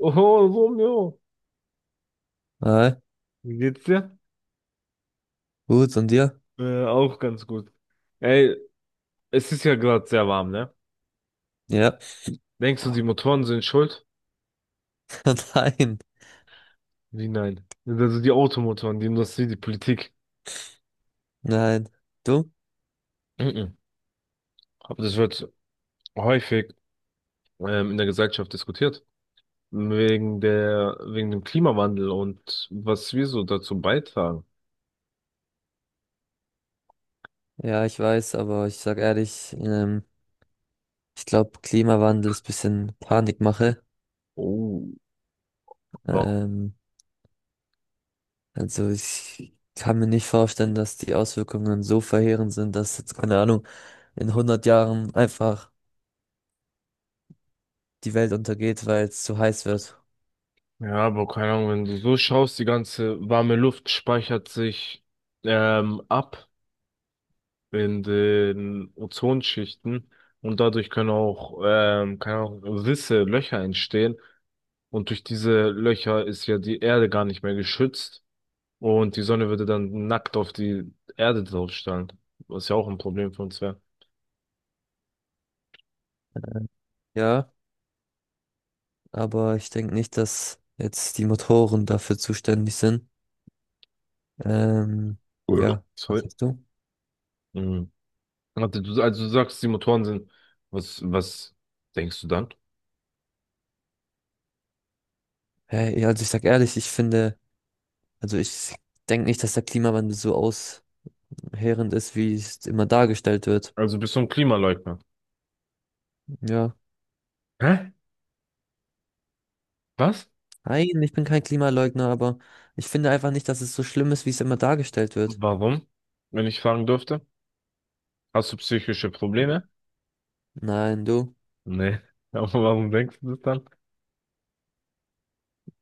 Oh, Romeo, Hi, wie geht's dir? gut, und dir? Auch ganz gut. Ey, es ist ja gerade sehr warm, ne? Ja. Denkst du, die Oh, Motoren sind schuld? nein, Wie nein? Also die Automotoren, die Industrie, die Politik. nein. Du? Mhm. Aber das wird häufig in der Gesellschaft diskutiert. Wegen dem Klimawandel und was wir so dazu beitragen. Ja, ich weiß, aber ich sag ehrlich, ich glaube, Klimawandel ist bisschen Panikmache. Oh, wow. Ähm, also ich kann mir nicht vorstellen, dass die Auswirkungen so verheerend sind, dass jetzt, keine Ahnung, in 100 Jahren einfach die Welt untergeht, weil es zu heiß wird. Ja, aber keine Ahnung, wenn du so schaust, die ganze warme Luft speichert sich ab in den Ozonschichten, und dadurch können auch Risse, Löcher entstehen, und durch diese Löcher ist ja die Erde gar nicht mehr geschützt, und die Sonne würde dann nackt auf die Erde draufstrahlen, was ja auch ein Problem für uns wäre. Ja, aber ich denke nicht, dass jetzt die Motoren dafür zuständig sind. Ähm, Cool. ja, was Sorry. sagst du? Mhm. Warte, du, also du sagst, die Motoren sind, was denkst du dann? Hey, also ich sag ehrlich, ich finde, also ich denke nicht, dass der Klimawandel so ausheerend ist, wie es immer dargestellt wird. Also bist du ein Klimaleugner? Ja. Hä? Was? Nein, ich bin kein Klimaleugner, aber ich finde einfach nicht, dass es so schlimm ist, wie es immer dargestellt wird. Warum? Wenn ich fragen dürfte? Hast du psychische Probleme? Nein, du? Nee. Aber warum denkst du das dann?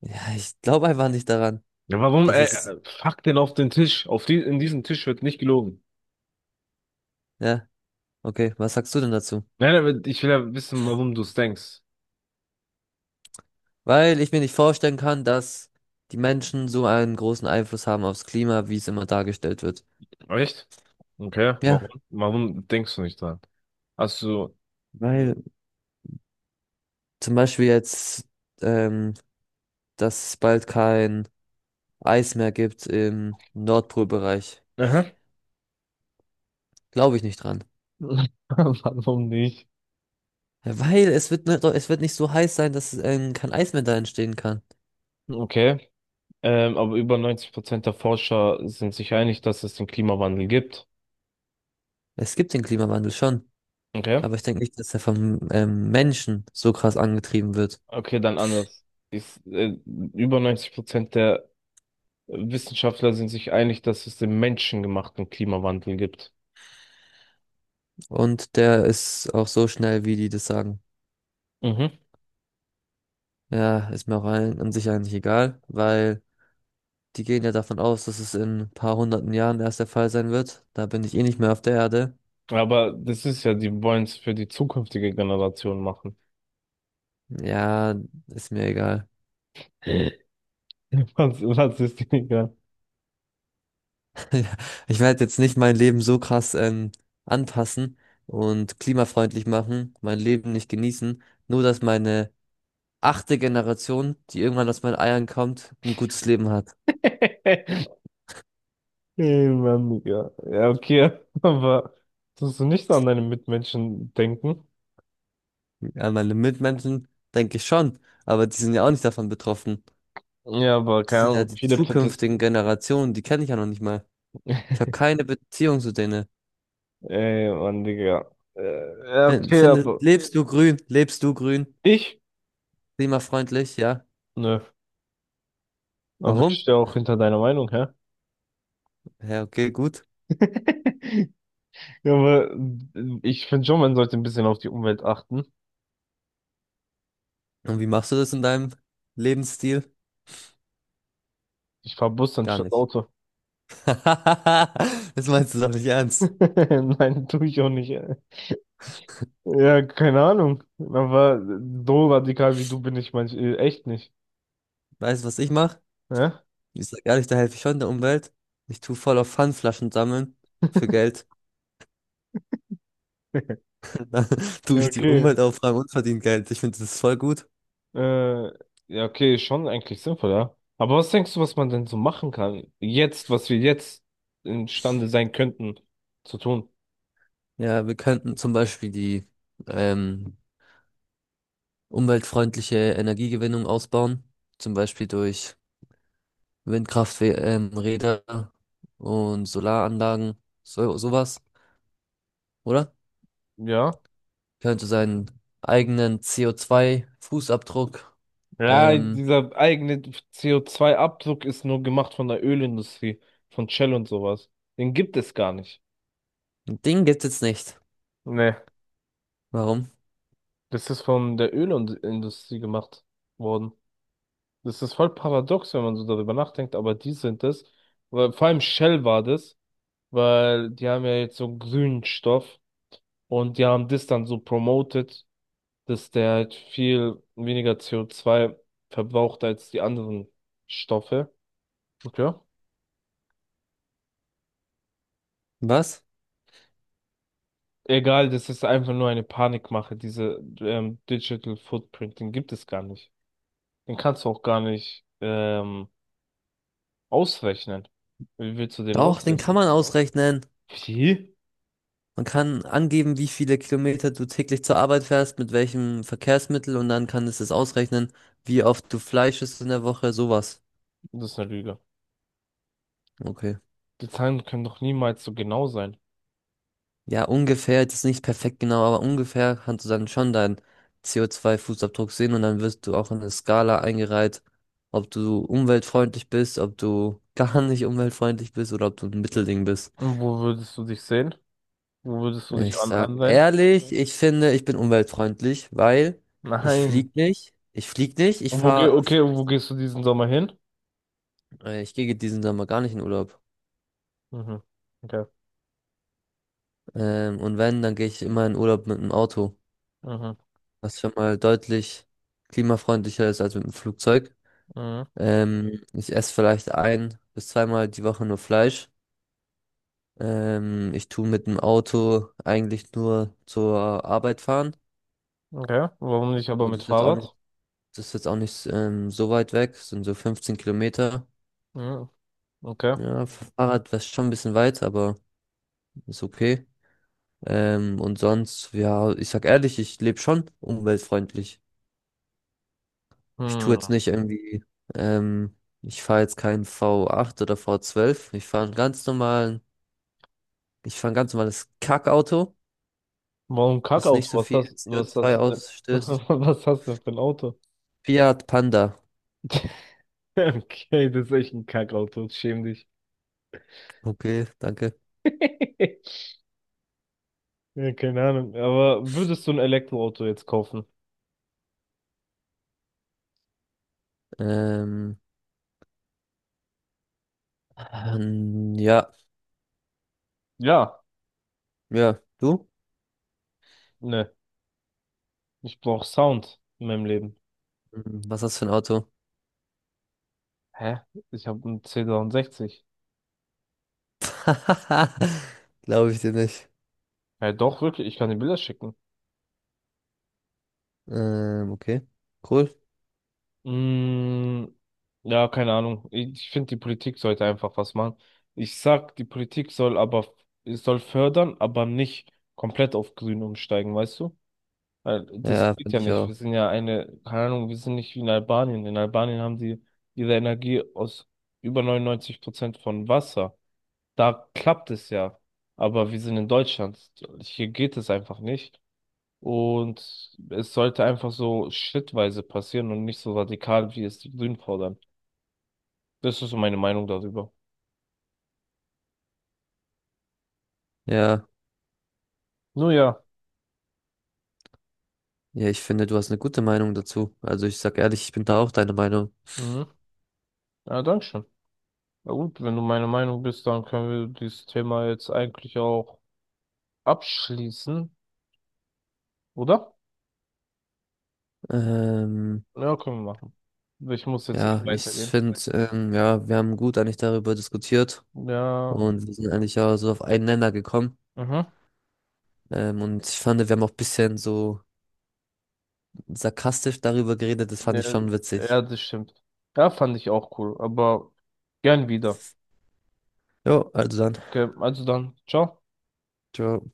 Ja, ich glaube einfach nicht daran, Ja, warum, dass ey, es, pack den auf den Tisch. In diesen Tisch wird nicht gelogen. ja, okay, was sagst du denn dazu? Nein, aber ich will ja wissen, warum du es denkst. Weil ich mir nicht vorstellen kann, dass die Menschen so einen großen Einfluss haben aufs Klima, wie es immer dargestellt wird. Echt? Okay, warum? Ja, Warum denkst du nicht dran? Hast du. weil zum Beispiel jetzt, ähm, dass es bald kein Eismeer gibt im Nordpolbereich. Aha. Glaube ich nicht dran. Warum nicht? Ja, weil es wird, es wird nicht so heiß sein, dass kein Eis mehr da entstehen kann. Okay. Aber über 90% der Forscher sind sich einig, dass es den Klimawandel gibt. Es gibt den Klimawandel schon, Okay. aber ich denke nicht, dass er vom Menschen so krass angetrieben wird. Okay, dann anders. Ist, über 90% der Wissenschaftler sind sich einig, dass es den menschengemachten Klimawandel gibt. Und der ist auch so schnell, wie die das sagen. Mhm. Ja, ist mir auch ein, an sich eigentlich egal, weil die gehen ja davon aus, dass es in ein paar hunderten Jahren erst der Fall sein wird. Da bin ich eh nicht mehr auf der Erde. Aber das ist ja, die wollen es für die zukünftige Generation machen. Ja, ist mir egal. Was, was ist die egal? Ich werde jetzt nicht mein Leben so krass anpassen und klimafreundlich machen, mein Leben nicht genießen, nur dass meine achte Generation, die irgendwann aus meinen Eiern kommt, ein gutes Leben hat. Ey, Mann, Digga. Ja, okay, aber tust du nicht so an deine Mitmenschen denken? An meine Mitmenschen denke ich schon, aber die sind ja auch nicht davon betroffen. Ja, aber Das keine sind ja Ahnung, die viele Protest. zukünftigen Generationen, die kenne ich ja noch nicht mal. Ich habe keine Beziehung zu denen. Ey, Mann, Digga. Ja, okay, Findest, aber lebst du grün? Lebst du grün? ich? Klimafreundlich, ja. Nö. Aber ich Warum? stehe auch hinter deiner Meinung, hä? Ja, okay, gut. Ja, aber ich finde schon, man sollte ein bisschen auf die Umwelt achten. Und wie machst du das in deinem Lebensstil? Ich fahr Bus Gar anstatt nicht. Auto. Das meinst du doch nicht ernst. Nein, tue ich auch nicht. Ja, keine Ahnung. Aber so radikal wie du bin ich manch echt nicht. Weißt du, was ich mache? Ja? Ich sag ehrlich, da helfe ich schon der Umwelt. Ich tue voll auf Pfandflaschen sammeln für Geld. Dann tue Ja, ich die okay. Umwelt aufräumen und verdiene Geld. Ich finde das voll gut. Äh, ja, okay, schon eigentlich sinnvoll, ja. Aber was denkst du, was man denn so machen kann? Jetzt, was wir jetzt imstande sein könnten zu tun? Ja, wir könnten zum Beispiel die ähm, umweltfreundliche Energiegewinnung ausbauen. Zum Beispiel durch Windkrafträder Räder und Solaranlagen. So, sowas, oder? Ja. Könnte seinen eigenen CO2-Fußabdruck. Ja, ähm, dieser eigene CO2-Abdruck ist nur gemacht von der Ölindustrie, von Shell und sowas. Den gibt es gar nicht. Den gibt es nicht. Nee, Warum? das ist von der Ölindustrie gemacht worden. Das ist voll paradox, wenn man so darüber nachdenkt, aber die sind es. Weil, vor allem Shell war das, weil die haben ja jetzt so einen grünen Stoff und die haben das dann so promoted, dass der halt viel weniger CO2 verbraucht als die anderen Stoffe. Okay. Was? Egal, das ist einfach nur eine Panikmache. Diese Digital Footprint, den gibt es gar nicht. Den kannst du auch gar nicht ausrechnen. Wie willst du den Doch, den kann ausrechnen? man ausrechnen. Wie? Man kann angeben, wie viele Kilometer du täglich zur Arbeit fährst, mit welchem Verkehrsmittel und dann kann es das ausrechnen, wie oft du Fleisch isst in der Woche, sowas. Das ist eine Lüge. Okay. Die Zahlen können doch niemals so genau sein. Ja, ungefähr, das ist nicht perfekt genau, aber ungefähr kannst du dann schon deinen CO2-Fußabdruck sehen und dann wirst du auch in eine Skala eingereiht, ob du umweltfreundlich bist, ob du gar nicht umweltfreundlich bist oder ob du ein Mittelding bist. Und wo würdest du dich sehen? Wo würdest du Ich dich an sag ansehen? ehrlich, ich finde, ich bin umweltfreundlich, weil ich Nein. flieg nicht, ich flieg nicht, ich Und wo geh fahre Okay, und wo vielleicht, gehst du diesen Sommer hin? Ich gehe diesen Sommer gar nicht in Urlaub. Mhm. Okay. Und wenn, dann gehe ich immer in Urlaub mit dem Auto, Mhm. was schon mal deutlich klimafreundlicher ist als mit dem Flugzeug. Mhm. Ich esse vielleicht ein bis zweimal die Woche nur Fleisch. Ich tu mit dem Auto eigentlich nur zur Arbeit fahren. Okay. Warum nicht aber Und mit das ist jetzt auch nicht, Fahrrad? das ist jetzt auch nicht so weit weg, sind so 15 Kilometer. Mhm. Okay. Ja, Fahrrad war schon ein bisschen weit, aber ist okay. Und sonst, ja, ich sag ehrlich, ich lebe schon umweltfreundlich. Ich tue Hm. jetzt nicht irgendwie, ähm, ich fahre jetzt keinen V8 oder V12. Ich fahre einen ganz normalen, ich fahre ein ganz normales Kackauto, Warum das Kackauto? nicht so viel Was hast CO2 du denn? ausstößt. Was hast du denn für ein Auto? Fiat Panda. Okay, das ist echt ein Kackauto. Schäm dich. Okay, danke. Ja, keine Ahnung. Aber würdest du ein Elektroauto jetzt kaufen? Ähm, ja, Ja. ja, du? Ne. Ich brauche Sound in meinem Leben. Hm, was hast du für ein Auto? Hä? Ich habe einen c 63. Glaube ich dir nicht. Ja, doch, wirklich. Ich kann dir Bilder schicken. Okay. Cool. Mm, ja, keine Ahnung. Ich finde, die Politik sollte einfach was machen. Ich sag, die Politik soll aber, es soll fördern, aber nicht komplett auf Grün umsteigen, weißt du? Weil das Ja, geht finde ja ich nicht. Wir auch. sind ja eine, keine Ahnung, wir sind nicht wie in Albanien. In Albanien haben die ihre Energie aus über 99% von Wasser. Da klappt es ja. Aber wir sind in Deutschland. Hier geht es einfach nicht. Und es sollte einfach so schrittweise passieren und nicht so radikal, wie es die Grünen fordern. Das ist so meine Meinung darüber. Ja. Nun ja. Ja, ich finde, du hast eine gute Meinung dazu. Also ich sag ehrlich, ich bin da auch deiner Meinung. Mhm. Ja, danke schön. Na gut, wenn du meine Meinung bist, dann können wir dieses Thema jetzt eigentlich auch abschließen, oder? Ähm, Ja, können wir machen. Ich muss jetzt eh ja, ich weitergehen. finde, ja, wir haben gut eigentlich darüber diskutiert Ja. und wir sind eigentlich auch so auf einen Nenner gekommen. Mhm. Und ich fand, wir haben auch ein bisschen so sarkastisch darüber geredet. Das fand Ja, ich schon ja, witzig. das stimmt. Ja, fand ich auch cool, aber gern wieder. Jo, also dann. Okay, also dann, ciao. Ciao.